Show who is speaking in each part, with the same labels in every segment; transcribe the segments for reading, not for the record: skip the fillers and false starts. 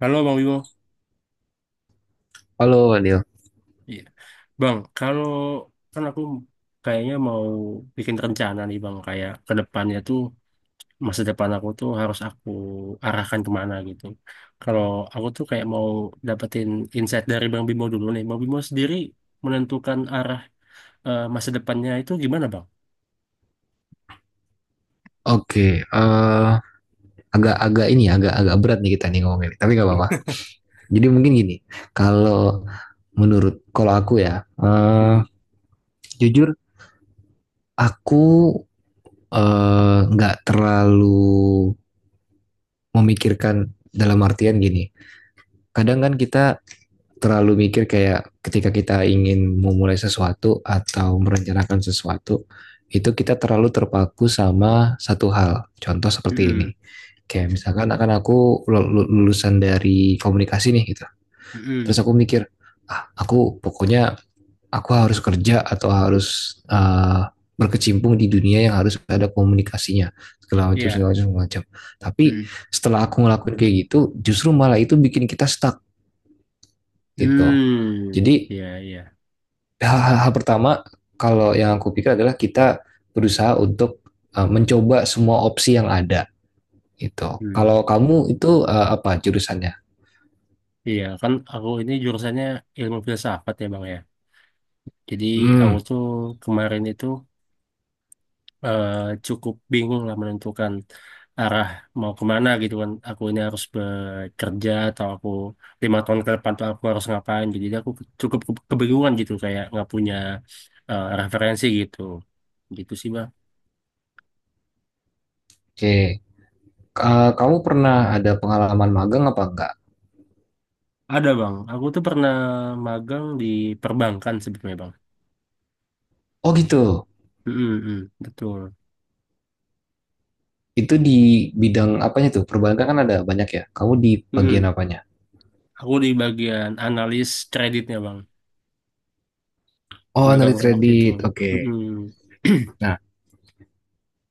Speaker 1: Halo Bang Wibo.
Speaker 2: Halo Wadil.
Speaker 1: Iya. Bang, kalau kan aku kayaknya mau bikin rencana nih Bang, kayak ke depannya tuh masa depan aku tuh harus aku arahkan kemana gitu. Kalau aku tuh kayak mau dapetin insight dari Bang Bimo dulu nih. Bang Bimo sendiri menentukan arah masa depannya itu gimana Bang?
Speaker 2: Oke, eh, agak-agak ini ya, agak-agak berat nih kita nih ngomongin, tapi nggak apa-apa. Jadi mungkin gini, kalau menurut kalau aku ya, eh,
Speaker 1: Hmm.
Speaker 2: jujur aku nggak terlalu memikirkan dalam artian gini. Kadang kan kita terlalu mikir kayak ketika kita ingin memulai sesuatu atau merencanakan sesuatu, itu kita terlalu terpaku sama satu hal. Contoh seperti
Speaker 1: Hmm.
Speaker 2: ini. Kayak misalkan akan aku lulusan dari komunikasi nih gitu. Terus
Speaker 1: Hmm.
Speaker 2: aku mikir, ah aku pokoknya aku harus kerja atau harus berkecimpung di dunia yang harus ada komunikasinya segala macam segala
Speaker 1: Iya.
Speaker 2: macam segala macam tapi
Speaker 1: Hmm.
Speaker 2: setelah aku ngelakuin kayak gitu justru malah itu bikin kita stuck gitu
Speaker 1: Hmm.
Speaker 2: jadi
Speaker 1: Iya, iya.
Speaker 2: hal, hal- pertama kalau yang aku pikir adalah kita berusaha untuk mencoba semua opsi yang ada gitu.
Speaker 1: Hmm.
Speaker 2: Kalau kamu itu apa jurusannya?
Speaker 1: Iya, kan aku ini jurusannya ilmu filsafat ya Bang ya. Jadi
Speaker 2: Hmm,
Speaker 1: aku tuh kemarin itu eh, cukup bingung lah menentukan arah mau kemana gitu kan. Aku ini harus bekerja atau aku 5 tahun ke depan tuh aku harus ngapain gitu. Jadi aku cukup kebingungan gitu kayak nggak punya referensi gitu. Gitu sih bang.
Speaker 2: oke. Kamu pernah ada pengalaman magang apa enggak?
Speaker 1: Ada bang. Aku tuh pernah magang di perbankan sebetulnya bang.
Speaker 2: Oh gitu.
Speaker 1: Mm, mm, mm, betul.
Speaker 2: Itu di bidang apanya tuh? Perbankan kan ada banyak ya. Kamu di
Speaker 1: Mm,
Speaker 2: bagian
Speaker 1: mm.
Speaker 2: apanya?
Speaker 1: Aku di bagian analis kreditnya bang.
Speaker 2: Oh, analis
Speaker 1: Magangnya waktu itu.
Speaker 2: kredit. Oke.
Speaker 1: Mm,
Speaker 2: Okay.
Speaker 1: mm.
Speaker 2: Nah,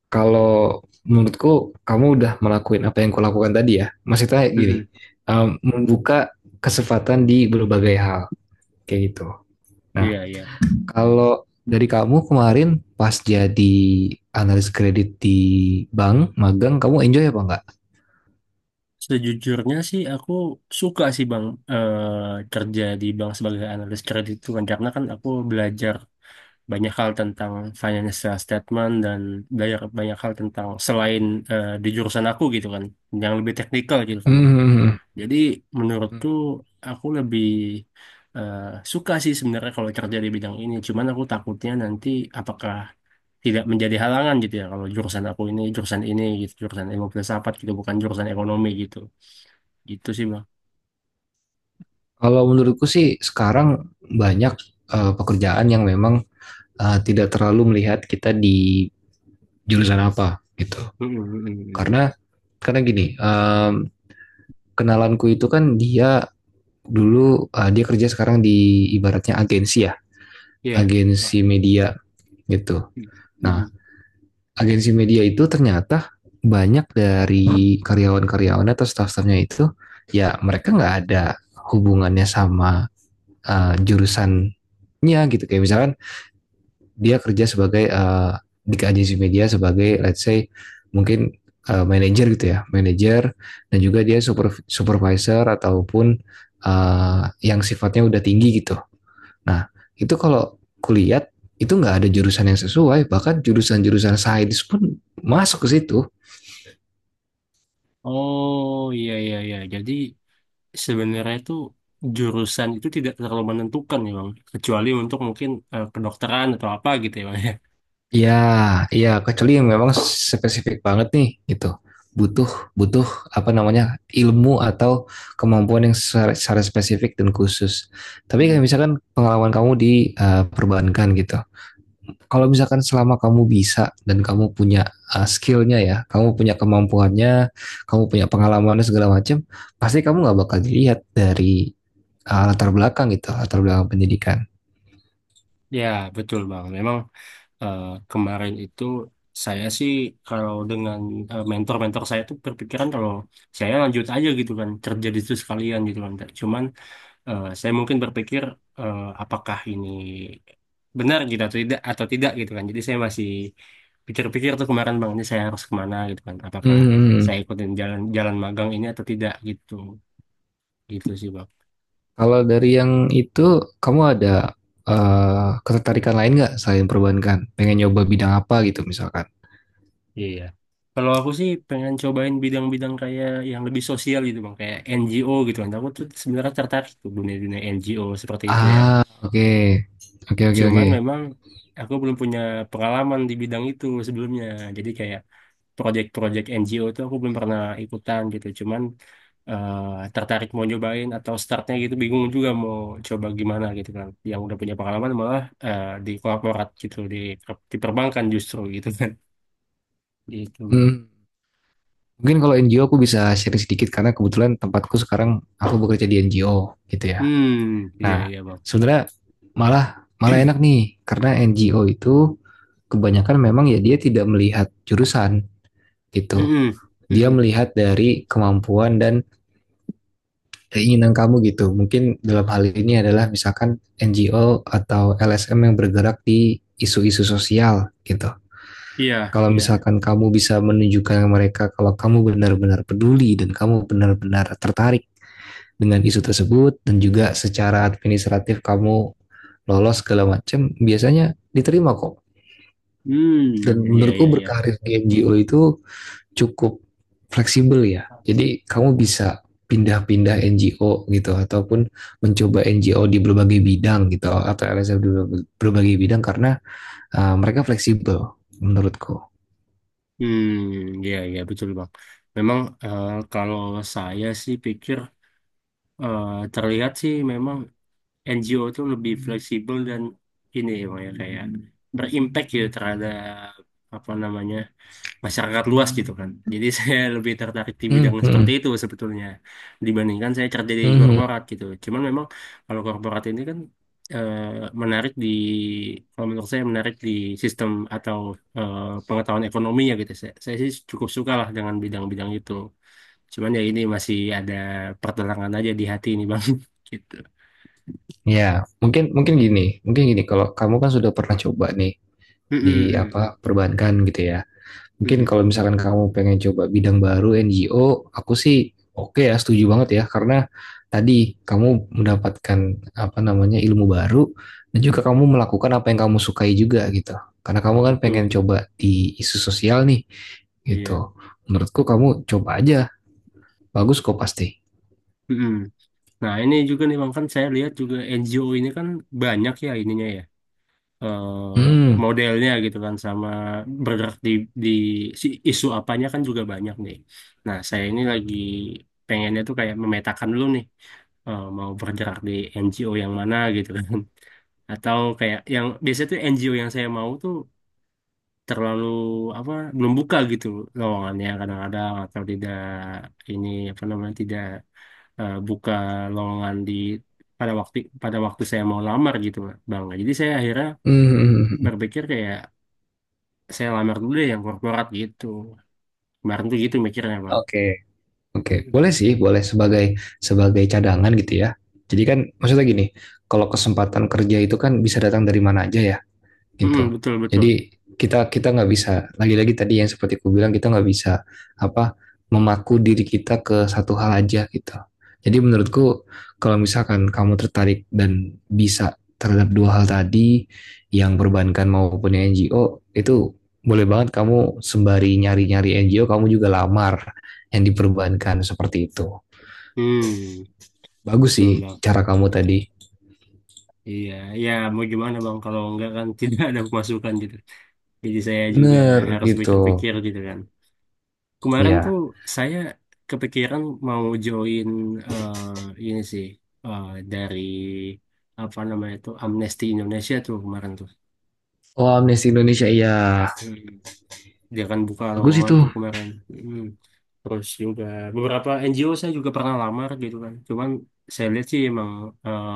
Speaker 2: kalau menurutku kamu udah melakukan apa yang kulakukan tadi ya. Maksudnya
Speaker 1: Mm,
Speaker 2: gini,
Speaker 1: mm.
Speaker 2: membuka kesempatan di berbagai hal. Kayak gitu. Nah,
Speaker 1: Iya, iya.
Speaker 2: kalau dari kamu kemarin pas jadi analis kredit di bank magang, kamu enjoy apa enggak?
Speaker 1: Sejujurnya sih aku suka sih Bang kerja di bank sebagai analis kredit itu kan karena kan aku belajar banyak hal tentang financial statement dan belajar banyak hal tentang selain di jurusan aku gitu kan yang lebih teknikal gitu kan.
Speaker 2: Hmm.
Speaker 1: Jadi menurutku aku lebih eh, suka sih sebenarnya kalau kerja di bidang ini. Cuman aku takutnya nanti apakah tidak menjadi halangan gitu ya kalau jurusan aku ini jurusan ini gitu jurusan ilmu filsafat gitu bukan jurusan ekonomi gitu. Gitu sih bang.
Speaker 2: Kalau menurutku sih sekarang banyak pekerjaan yang memang tidak terlalu melihat kita di jurusan apa gitu.
Speaker 1: Mm, mm, mm, mm.
Speaker 2: Karena karena gini, kenalanku itu kan dia dulu dia kerja sekarang di ibaratnya agensi ya,
Speaker 1: Iya. Wah,
Speaker 2: agensi media gitu.
Speaker 1: mm,
Speaker 2: Nah,
Speaker 1: mm.
Speaker 2: agensi media itu ternyata banyak dari karyawan-karyawannya atau staff-staffnya itu ya mereka nggak ada hubungannya sama jurusannya gitu kayak misalkan dia kerja sebagai di agensi media sebagai let's say mungkin manager gitu ya manager dan juga dia supervisor ataupun yang sifatnya udah tinggi gitu. Nah, itu kalau kulihat itu nggak ada jurusan yang sesuai, bahkan jurusan-jurusan sains pun masuk ke situ.
Speaker 1: Oh iya iya iya. Jadi sebenarnya itu jurusan itu tidak terlalu menentukan ya bang. Kecuali untuk mungkin kedokteran atau apa gitu ya bang
Speaker 2: Ya, ya kecuali yang memang spesifik banget nih gitu. Butuh butuh apa namanya? Ilmu atau kemampuan yang secara spesifik dan khusus. Tapi kayak
Speaker 1: ya.
Speaker 2: misalkan pengalaman kamu di perbankan gitu. Kalau misalkan selama kamu bisa dan kamu punya skillnya ya, kamu punya kemampuannya, kamu punya pengalamannya segala macam, pasti kamu nggak bakal dilihat dari latar belakang gitu, latar belakang pendidikan.
Speaker 1: Ya, betul Bang. Memang eh, kemarin itu saya sih kalau dengan mentor-mentor saya tuh berpikiran kalau saya lanjut aja gitu kan, kerja di situ sekalian gitu kan. Cuman saya mungkin berpikir apakah ini benar gitu atau tidak gitu kan. Jadi saya masih pikir-pikir tuh kemarin Bang, ini saya harus kemana gitu kan. Apakah
Speaker 2: Hmm.
Speaker 1: saya ikutin jalan jalan magang ini atau tidak gitu. Gitu sih Bang.
Speaker 2: Kalau dari yang itu, kamu ada ketertarikan lain nggak selain perbankan? Pengen nyoba bidang apa gitu misalkan?
Speaker 1: Iya. Kalau aku sih pengen cobain bidang-bidang kayak yang lebih sosial gitu bang, kayak NGO gitu kan. Aku tuh sebenarnya tertarik tuh dunia-dunia NGO seperti itu ya.
Speaker 2: Ah, oke, okay. Oke, okay, oke, okay, oke.
Speaker 1: Cuman
Speaker 2: Okay.
Speaker 1: memang aku belum punya pengalaman di bidang itu sebelumnya. Jadi kayak project-project NGO itu aku belum pernah ikutan gitu. Cuman tertarik mau nyobain atau startnya gitu bingung juga mau coba gimana gitu kan. Yang udah punya pengalaman malah di korporat gitu, di perbankan justru gitu kan. Gitu bang.
Speaker 2: Hmm. Mungkin kalau NGO aku bisa sharing sedikit karena kebetulan tempatku sekarang aku bekerja di NGO gitu ya.
Speaker 1: Hmm, iya
Speaker 2: Nah,
Speaker 1: iya bang.
Speaker 2: sebenarnya malah malah enak nih karena NGO itu kebanyakan memang ya dia tidak melihat jurusan gitu.
Speaker 1: Mm-mm,
Speaker 2: Dia
Speaker 1: mm-mm.
Speaker 2: melihat dari kemampuan dan keinginan kamu gitu. Mungkin dalam hal ini adalah misalkan NGO atau LSM yang bergerak di isu-isu sosial gitu.
Speaker 1: Iya,
Speaker 2: Kalau
Speaker 1: iya.
Speaker 2: misalkan kamu bisa menunjukkan mereka kalau kamu benar-benar peduli dan kamu benar-benar tertarik dengan isu tersebut dan juga secara administratif kamu lolos segala macam biasanya diterima kok dan
Speaker 1: Hmm, iya,
Speaker 2: menurutku
Speaker 1: iya, iya.
Speaker 2: berkarir di NGO itu cukup fleksibel ya. Jadi kamu bisa pindah-pindah NGO gitu ataupun mencoba NGO di berbagai bidang gitu atau LSM di berbagai bidang karena mereka fleksibel menurutku.
Speaker 1: Hmm, iya, iya, betul, Bang. Memang kalau saya sih pikir eh, terlihat sih memang NGO itu lebih fleksibel dan ini ya, Bang, ya, kayak berimpact gitu terhadap apa namanya masyarakat luas gitu kan. Jadi saya lebih tertarik di
Speaker 2: Hmm,
Speaker 1: bidang seperti
Speaker 2: hmm,
Speaker 1: itu sebetulnya dibandingkan saya kerja di
Speaker 2: hmm,
Speaker 1: korporat gitu. Cuman memang kalau korporat ini kan eh, menarik di kalau menurut saya menarik di sistem atau eh, pengetahuan ekonomi ya gitu. Saya sih cukup suka lah dengan bidang-bidang itu. Cuman ya ini masih ada pertentangan aja di hati ini Bang gitu.
Speaker 2: ya mungkin mungkin gini kalau kamu kan sudah pernah coba nih
Speaker 1: Mm-mm,
Speaker 2: di
Speaker 1: mm-mm,
Speaker 2: apa perbankan gitu ya. Mungkin
Speaker 1: mm-mm.
Speaker 2: kalau misalkan kamu pengen coba bidang baru NGO, aku sih oke ya, setuju banget ya. Karena tadi kamu mendapatkan apa namanya ilmu baru dan juga kamu melakukan apa yang kamu sukai juga gitu. Karena kamu kan pengen
Speaker 1: Betul.
Speaker 2: coba di isu sosial nih
Speaker 1: Iya.
Speaker 2: gitu. Menurutku kamu coba aja, bagus kok pasti.
Speaker 1: Mm-mm. Nah, ini juga nih Bang kan saya lihat juga NGO ini kan banyak ya ininya ya eh,
Speaker 2: Hmm,
Speaker 1: modelnya gitu kan sama bergerak di si isu apanya kan juga banyak nih. Nah, saya ini lagi pengennya tuh kayak memetakan dulu nih mau bergerak di NGO yang mana gitu kan. Atau kayak yang biasanya tuh NGO yang saya mau tuh terlalu apa belum buka gitu lowongannya kadang-kadang atau tidak ini apa namanya tidak buka lowongan di pada waktu pada waktu saya mau lamar gitu Bang. Nah, jadi saya akhirnya
Speaker 2: hmm, hmm, hmm.
Speaker 1: berpikir kayak saya lamar dulu deh yang korporat gitu. Kemarin tuh gitu mikirnya bang.
Speaker 2: Oke, oke,
Speaker 1: Mm-mm.
Speaker 2: boleh sih, boleh sebagai sebagai cadangan gitu ya. Jadi kan maksudnya gini, kalau kesempatan kerja itu kan bisa datang dari mana aja ya. Gitu.
Speaker 1: Mm-mm, betul betul.
Speaker 2: Jadi kita kita nggak bisa lagi-lagi tadi yang seperti aku bilang kita nggak bisa apa memaku diri kita ke satu hal aja gitu. Jadi menurutku kalau misalkan kamu tertarik dan bisa terhadap dua hal tadi yang perbankan maupun yang NGO itu boleh banget kamu sembari nyari-nyari NGO kamu juga lamar yang diperbankan seperti itu.
Speaker 1: Hmm,
Speaker 2: Bagus sih
Speaker 1: betul bang.
Speaker 2: cara kamu tadi.
Speaker 1: Betul. Iya, ya mau gimana bang kalau enggak kan tidak ada pemasukan gitu. Jadi saya juga
Speaker 2: Bener
Speaker 1: harus
Speaker 2: gitu.
Speaker 1: pikir-pikir gitu kan. Kemarin tuh
Speaker 2: Iya.
Speaker 1: saya kepikiran mau join eh, ini sih eh, dari apa namanya tuh Amnesty Indonesia tuh kemarin
Speaker 2: Oh Amnesty Indonesia iya.
Speaker 1: tuh. Dia kan buka
Speaker 2: Bagus
Speaker 1: lowongan
Speaker 2: itu.
Speaker 1: tuh kemarin. Mm. Terus juga beberapa NGO saya juga pernah lamar gitu kan cuman saya lihat sih emang eh,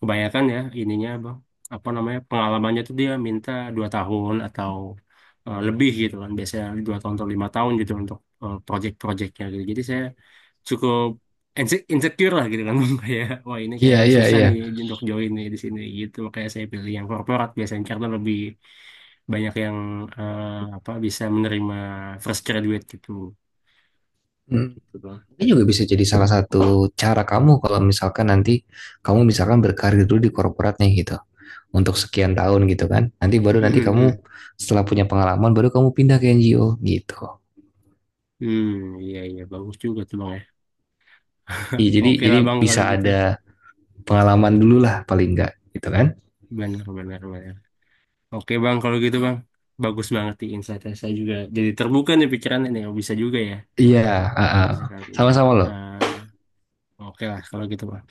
Speaker 1: kebanyakan ya ininya bang apa namanya pengalamannya tuh dia minta 2 tahun atau lebih gitu kan biasanya 2 tahun atau 5 tahun gitu untuk project-projectnya gitu jadi saya cukup insecure lah gitu kan kayak wah ini
Speaker 2: Iya,
Speaker 1: kayaknya
Speaker 2: iya,
Speaker 1: susah
Speaker 2: iya.
Speaker 1: nih untuk join nih di sini gitu makanya saya pilih yang korporat biasanya karena lebih banyak yang eh, apa bisa menerima fresh graduate gitu
Speaker 2: Hmm.
Speaker 1: gitu bang.
Speaker 2: Ini juga bisa jadi salah satu cara kamu kalau misalkan nanti kamu misalkan berkarir dulu di korporatnya gitu. Untuk sekian tahun gitu kan. Nanti baru
Speaker 1: Mm,
Speaker 2: nanti
Speaker 1: mm, mm.
Speaker 2: kamu setelah punya pengalaman baru kamu pindah ke NGO gitu.
Speaker 1: Hmm, iya iya bagus juga tuh bang ya.
Speaker 2: Iya,
Speaker 1: Oke lah
Speaker 2: jadi
Speaker 1: bang kalau
Speaker 2: bisa
Speaker 1: gitu,
Speaker 2: ada pengalaman dulu lah paling enggak gitu kan.
Speaker 1: benar benar benar. Oke bang kalau gitu bang, bagus banget di insight saya juga. Jadi terbuka nih pikirannya nih, oh, bisa juga ya
Speaker 2: Iya, ah,
Speaker 1: kalau
Speaker 2: ah.
Speaker 1: misalkan.
Speaker 2: Sama-sama loh.
Speaker 1: eh, oke lah kalau gitu bang.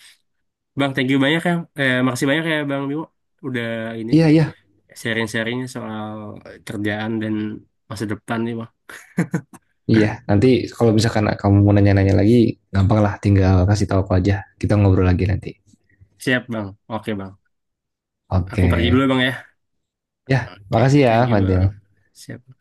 Speaker 1: Bang thank you banyak ya, makasih banyak ya bang Bimo. Udah ini
Speaker 2: Iya, iya.
Speaker 1: sharing-sharingnya soal kerjaan dan masa depan nih bang.
Speaker 2: Iya, nanti kalau misalkan
Speaker 1: Oke,
Speaker 2: kamu mau nanya-nanya lagi, gampang lah tinggal kasih tahu aku aja. Kita ngobrol lagi nanti.
Speaker 1: siap bang. Oke bang. Aku
Speaker 2: Oke.
Speaker 1: pergi dulu ya, Bang ya.
Speaker 2: Ya,
Speaker 1: Oke,
Speaker 2: makasih ya,
Speaker 1: thank you Bang.
Speaker 2: Fadil.
Speaker 1: Siap.